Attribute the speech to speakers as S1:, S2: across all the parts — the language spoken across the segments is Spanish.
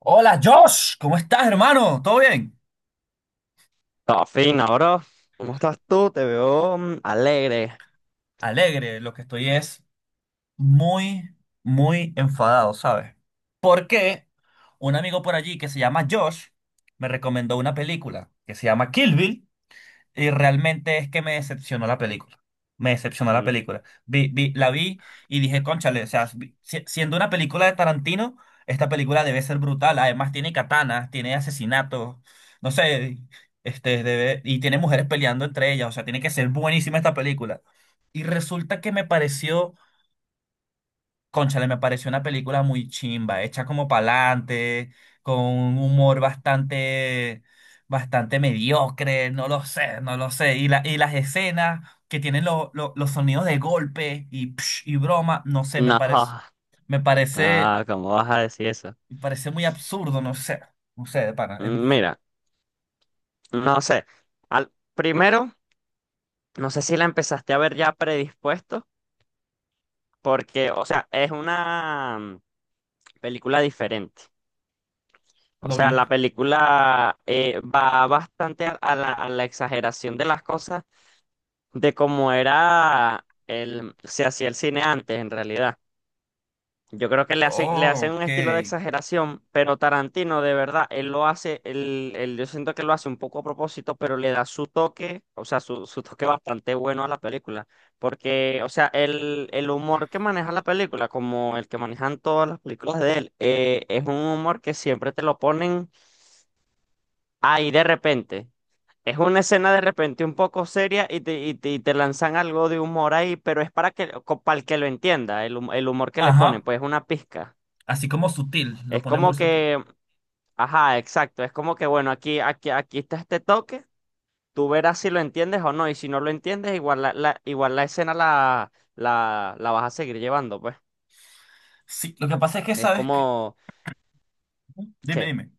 S1: Hola Josh, ¿cómo estás, hermano? ¿Todo bien?
S2: Ah, fin, ahora, ¿cómo estás tú? Te veo alegre.
S1: Alegre, lo que estoy es muy, muy enfadado, ¿sabes? Porque un amigo por allí que se llama Josh me recomendó una película que se llama Kill Bill. Y realmente es que me decepcionó la película. Me decepcionó la
S2: Mm.
S1: película. La vi y dije, cónchale, o sea, siendo una película de Tarantino, esta película debe ser brutal. Además tiene katanas, tiene asesinatos, no sé, este, debe, y tiene mujeres peleando entre ellas. O sea, tiene que ser buenísima esta película. Y resulta que me pareció. Cónchale, me pareció una película muy chimba, hecha como pa'lante, con un humor bastante mediocre, no lo sé, no lo sé. Y y las escenas que tienen los sonidos de golpe y, psh, y broma, no sé,
S2: No.
S1: me parece,
S2: Ah, ¿cómo vas a decir eso?
S1: me parece muy absurdo, no sé, no sé, de pana,
S2: Mm. Mira, no sé. Primero, no sé si la empezaste a ver ya predispuesto, porque, o sea, es una película diferente. O
S1: lo
S2: sea,
S1: vi.
S2: la película va bastante a, a la exageración de las cosas, de cómo era se hacía el cine antes, en realidad. Yo creo que le
S1: Oh,
S2: hacen un
S1: ok.
S2: estilo de exageración, pero Tarantino, de verdad, él lo hace, yo siento que lo hace un poco a propósito, pero le da su toque, o sea, su toque bastante bueno a la película. Porque, o sea, el humor que maneja la película, como el que manejan todas las películas de él, es un humor que siempre te lo ponen ahí de repente. Es una escena de repente un poco seria y te lanzan algo de humor ahí, pero es para el que lo entienda, el humor que le
S1: Ajá,
S2: ponen, pues es una pizca.
S1: así como sutil, lo
S2: Es
S1: pone muy
S2: como
S1: sutil.
S2: que, ajá, exacto, es como que, bueno, aquí está este toque, tú verás si lo entiendes o no, y si no lo entiendes, igual igual la escena la vas a seguir llevando, pues.
S1: Sí, lo que pasa es que
S2: Es
S1: sabes que...
S2: como,
S1: Dime,
S2: ¿qué?
S1: dime.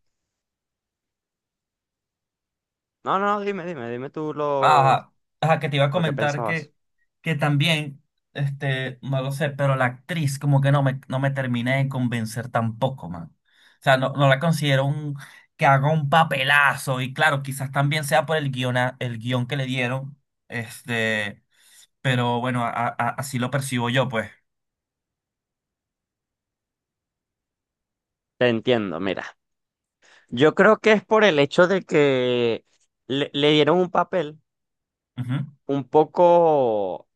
S2: No, no, dime, dime, dime tú
S1: Ajá, ajá, que te iba a
S2: lo que
S1: comentar
S2: pensabas.
S1: que también, este, no lo sé, pero la actriz como que no me terminé de convencer tampoco, man. O sea, no la considero un, que haga un papelazo y claro, quizás también sea por el guion, el guión que le dieron, este, pero bueno, así lo percibo yo, pues.
S2: Te entiendo, mira. Yo creo que es por el hecho de que le dieron un papel
S1: Ujú.
S2: un poco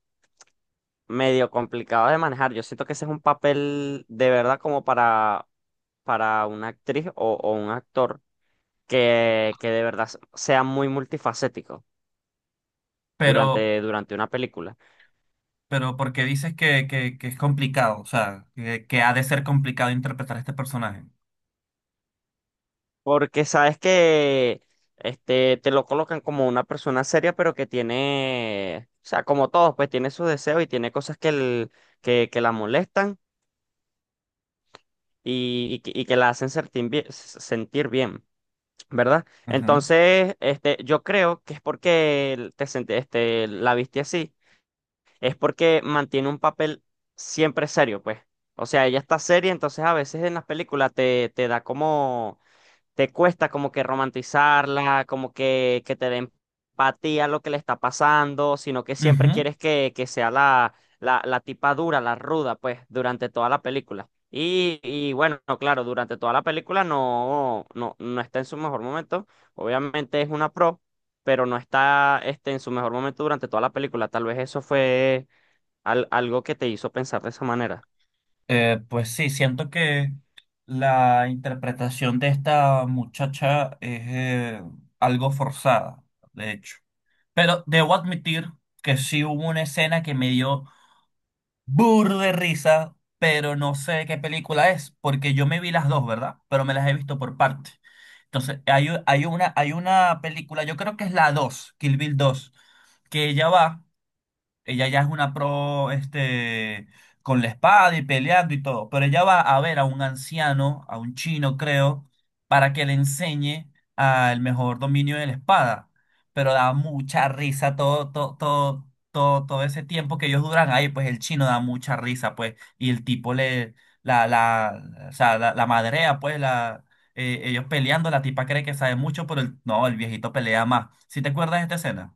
S2: medio complicado de manejar. Yo siento que ese es un papel de verdad como para una actriz o un actor que de verdad sea muy multifacético
S1: Pero,
S2: durante una película.
S1: pero ¿por qué dices que es complicado? O sea, que ha de ser complicado interpretar a este personaje.
S2: Porque sabes que este, te lo colocan como una persona seria, pero que tiene, o sea, como todos, pues tiene sus deseos y tiene cosas que la molestan y que la hacen sentir bien, ¿verdad?
S1: Ujú.
S2: Entonces, este, yo creo que es porque la viste así es porque mantiene un papel siempre serio, pues. O sea, ella está seria, entonces a veces en las películas te da como, te cuesta como que romantizarla, como que te dé empatía a lo que le está pasando, sino que siempre
S1: Ujú.
S2: quieres que sea la tipa dura, la ruda, pues, durante toda la película. Y bueno, claro, durante toda la película no, no, no está en su mejor momento. Obviamente es una pro, pero no está este, en su mejor momento durante toda la película. Tal vez eso fue algo que te hizo pensar de esa manera.
S1: Pues sí, siento que la interpretación de esta muchacha es algo forzada, de hecho. Pero debo admitir que sí hubo una escena que me dio burro de risa, pero no sé qué película es, porque yo me vi las dos, ¿verdad? Pero me las he visto por partes. Entonces, hay una película, yo creo que es la dos, Kill Bill dos, que ella va. Ella ya es una pro, este, con la espada y peleando y todo, pero ella va a ver a un anciano, a un chino, creo, para que le enseñe al mejor dominio de la espada. Pero da mucha risa todo ese tiempo que ellos duran ahí, pues el chino da mucha risa, pues, y el tipo le, o sea, la madrea, pues, la, ellos peleando, la tipa cree que sabe mucho, pero el- no, el viejito pelea más. ¿Sí te acuerdas de esta escena?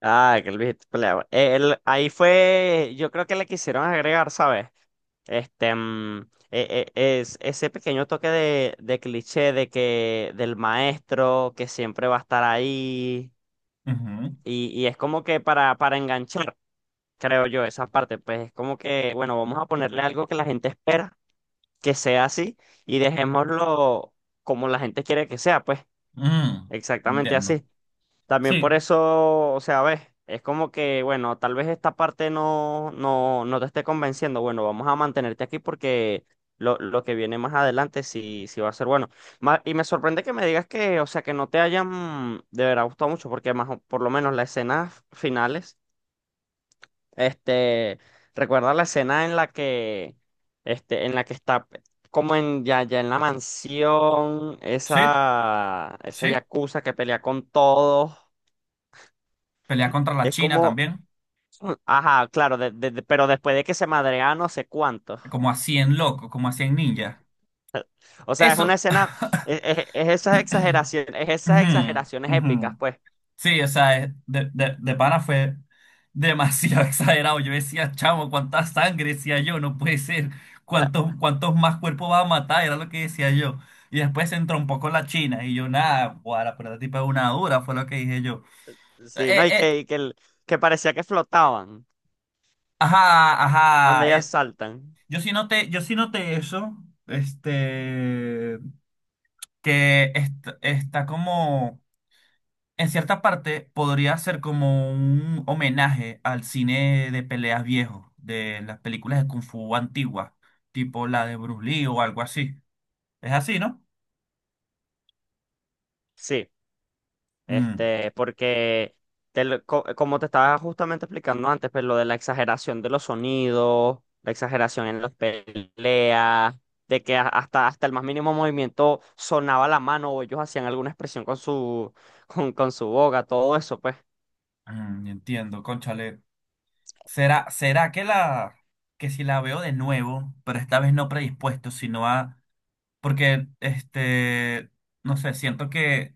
S2: Ah, que el viejito peleaba. Ahí fue, yo creo que le quisieron agregar, ¿sabes? Este, mm, ese pequeño toque de cliché de que del maestro que siempre va a estar ahí
S1: Ujú.
S2: y es como que para enganchar, creo yo, esa parte, pues es como que, bueno, vamos a ponerle algo que la gente espera que sea así y dejémoslo como la gente quiere que sea, pues
S1: Mm,
S2: exactamente
S1: entiendo.
S2: así. También por
S1: Sí,
S2: eso, o sea, ves, es como que, bueno, tal vez esta parte no, no, no te esté convenciendo. Bueno, vamos a mantenerte aquí porque lo que viene más adelante sí, sí va a ser bueno. Y me sorprende que me digas que, o sea, que no te hayan de verdad gustado mucho, porque más, por lo menos las escenas finales, este, recuerda la escena en la que, este, en la que está como en ya, ya en la mansión,
S1: sí,
S2: esa
S1: sí.
S2: yakuza que pelea con todos.
S1: Pelea contra la
S2: Es
S1: China
S2: como,
S1: también.
S2: ajá, claro, pero después de que se madrea no sé cuánto.
S1: Como a 100 locos, como a cien ninjas.
S2: O sea, es una
S1: Eso.
S2: escena, es esas
S1: Ujú,
S2: exageraciones épicas,
S1: ujú.
S2: pues.
S1: Sí, o sea, es- de pana fue demasiado exagerado. Yo decía, chamo, cuánta sangre, decía yo, no puede ser.
S2: Ah,
S1: ¿Cuántos, cuántos más cuerpos va a matar? Era lo que decía yo. Y después se entrompó con la China. Y yo, nada, guara, pero la tipa es una dura, fue lo que dije yo.
S2: sí, ¿no?
S1: Eh, eh,
S2: Y que, que parecía que flotaban
S1: ajá,
S2: cuando
S1: ajá.
S2: ellas saltan.
S1: Yo sí noté eso, este, que est- está como, en cierta parte, podría ser como un homenaje al cine de peleas viejo, de las películas de Kung Fu antiguas, tipo la de Bruce Lee o algo así. Es así, ¿no?
S2: Sí.
S1: Mm,
S2: Este, porque como te estaba justamente explicando antes, pues lo de la exageración de los sonidos, la exageración en las peleas, de que hasta el más mínimo movimiento sonaba la mano o ellos hacían alguna expresión con su, con su boca, todo eso, pues,
S1: entiendo, cónchale. ¿Será, será que la, que si la veo de nuevo, pero esta vez no predispuesto, sino a, porque, este, no sé, siento que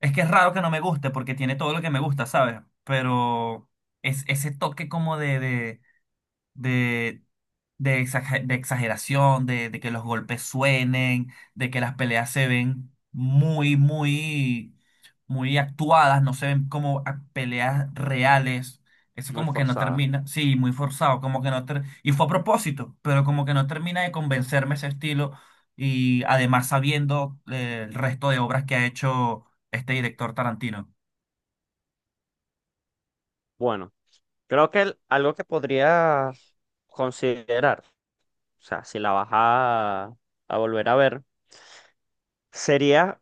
S1: es que es raro que no me guste porque tiene todo lo que me gusta, ¿sabes? Pero es ese toque como de, de exageración, de que los golpes suenen, de que las peleas se ven muy actuadas, no se ven como peleas reales. Eso
S2: muy
S1: como que no
S2: forzada.
S1: termina, sí, muy forzado, como que no fue a propósito, pero como que no termina de convencerme ese estilo y además sabiendo el resto de obras que ha hecho este director Tarantino.
S2: Bueno, creo que algo que podría considerar, o sea, si la vas a volver a ver, sería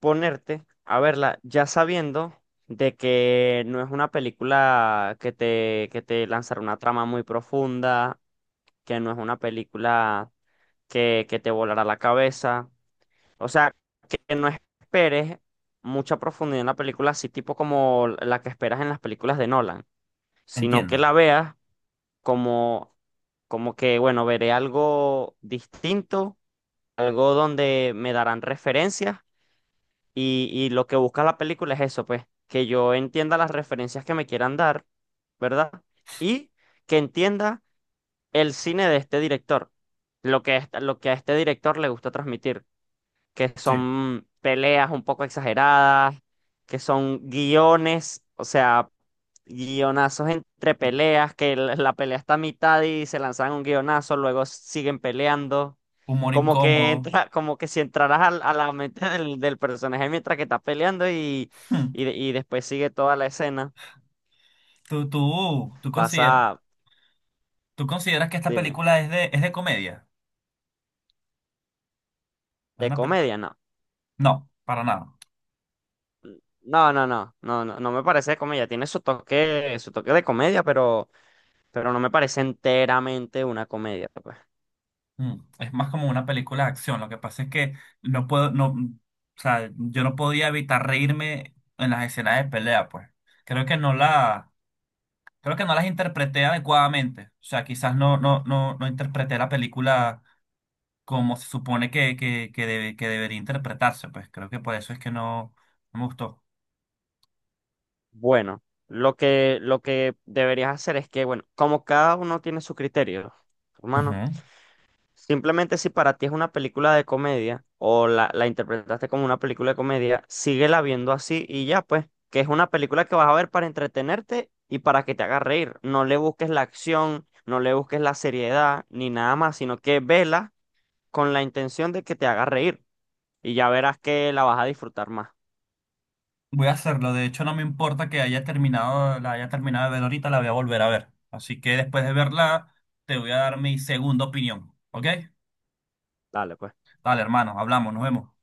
S2: ponerte a verla ya sabiendo de que no es una película que que te lanzará una trama muy profunda, que no es una película que te volará la cabeza. O sea, que no esperes mucha profundidad en la película, así tipo como la que esperas en las películas de Nolan, sino que
S1: Entiendo.
S2: la veas como, como que, bueno, veré algo distinto, algo donde me darán referencias y lo que busca la película es eso, pues, que yo entienda las referencias que me quieran dar, ¿verdad? Y que entienda el cine de este director, lo que, lo que a este director le gusta transmitir que
S1: Sí.
S2: son peleas un poco exageradas, que son guiones, o sea, guionazos entre peleas, que la pelea está a mitad y se lanzan un guionazo, luego siguen peleando.
S1: Humor
S2: Como que
S1: incómodo.
S2: entra, como que si entraras la mente del personaje mientras que está peleando
S1: Hmm.
S2: y después sigue toda la escena.
S1: ¿Tú consideras?
S2: Pasa,
S1: ¿Tú consideras que esta
S2: dime.
S1: película es es de comedia? ¿Es
S2: De
S1: una pe-
S2: comedia, no.
S1: No, para nada.
S2: No, no, no, no, no, no me parece de comedia. Tiene su toque de comedia, pero no me parece enteramente una comedia, pues.
S1: Mm, es más como una película de acción. Lo que pasa es que no puedo, no, o sea, yo no podía evitar reírme en las escenas de pelea, pues. Creo que no la, creo que no las interpreté adecuadamente. O sea, quizás no interpreté la película como se supone que debería interpretarse, pues. Creo que por eso es que no, no me gustó.
S2: Bueno, lo que, deberías hacer es que, bueno, como cada uno tiene su criterio, hermano,
S1: Ujú.
S2: simplemente si para ti es una película de comedia o la interpretaste como una película de comedia, síguela viendo así y ya, pues, que es una película que vas a ver para entretenerte y para que te haga reír. No le busques la acción, no le busques la seriedad ni nada más, sino que vela con la intención de que te haga reír y ya verás que la vas a disfrutar más.
S1: Voy a hacerlo. De hecho, no me importa que haya terminado, la haya terminado de ver ahorita, la voy a volver a ver. Así que después de verla, te voy a dar mi segunda opinión. ¿Ok?
S2: Dale, pues.
S1: Dale, hermano, hablamos, nos vemos.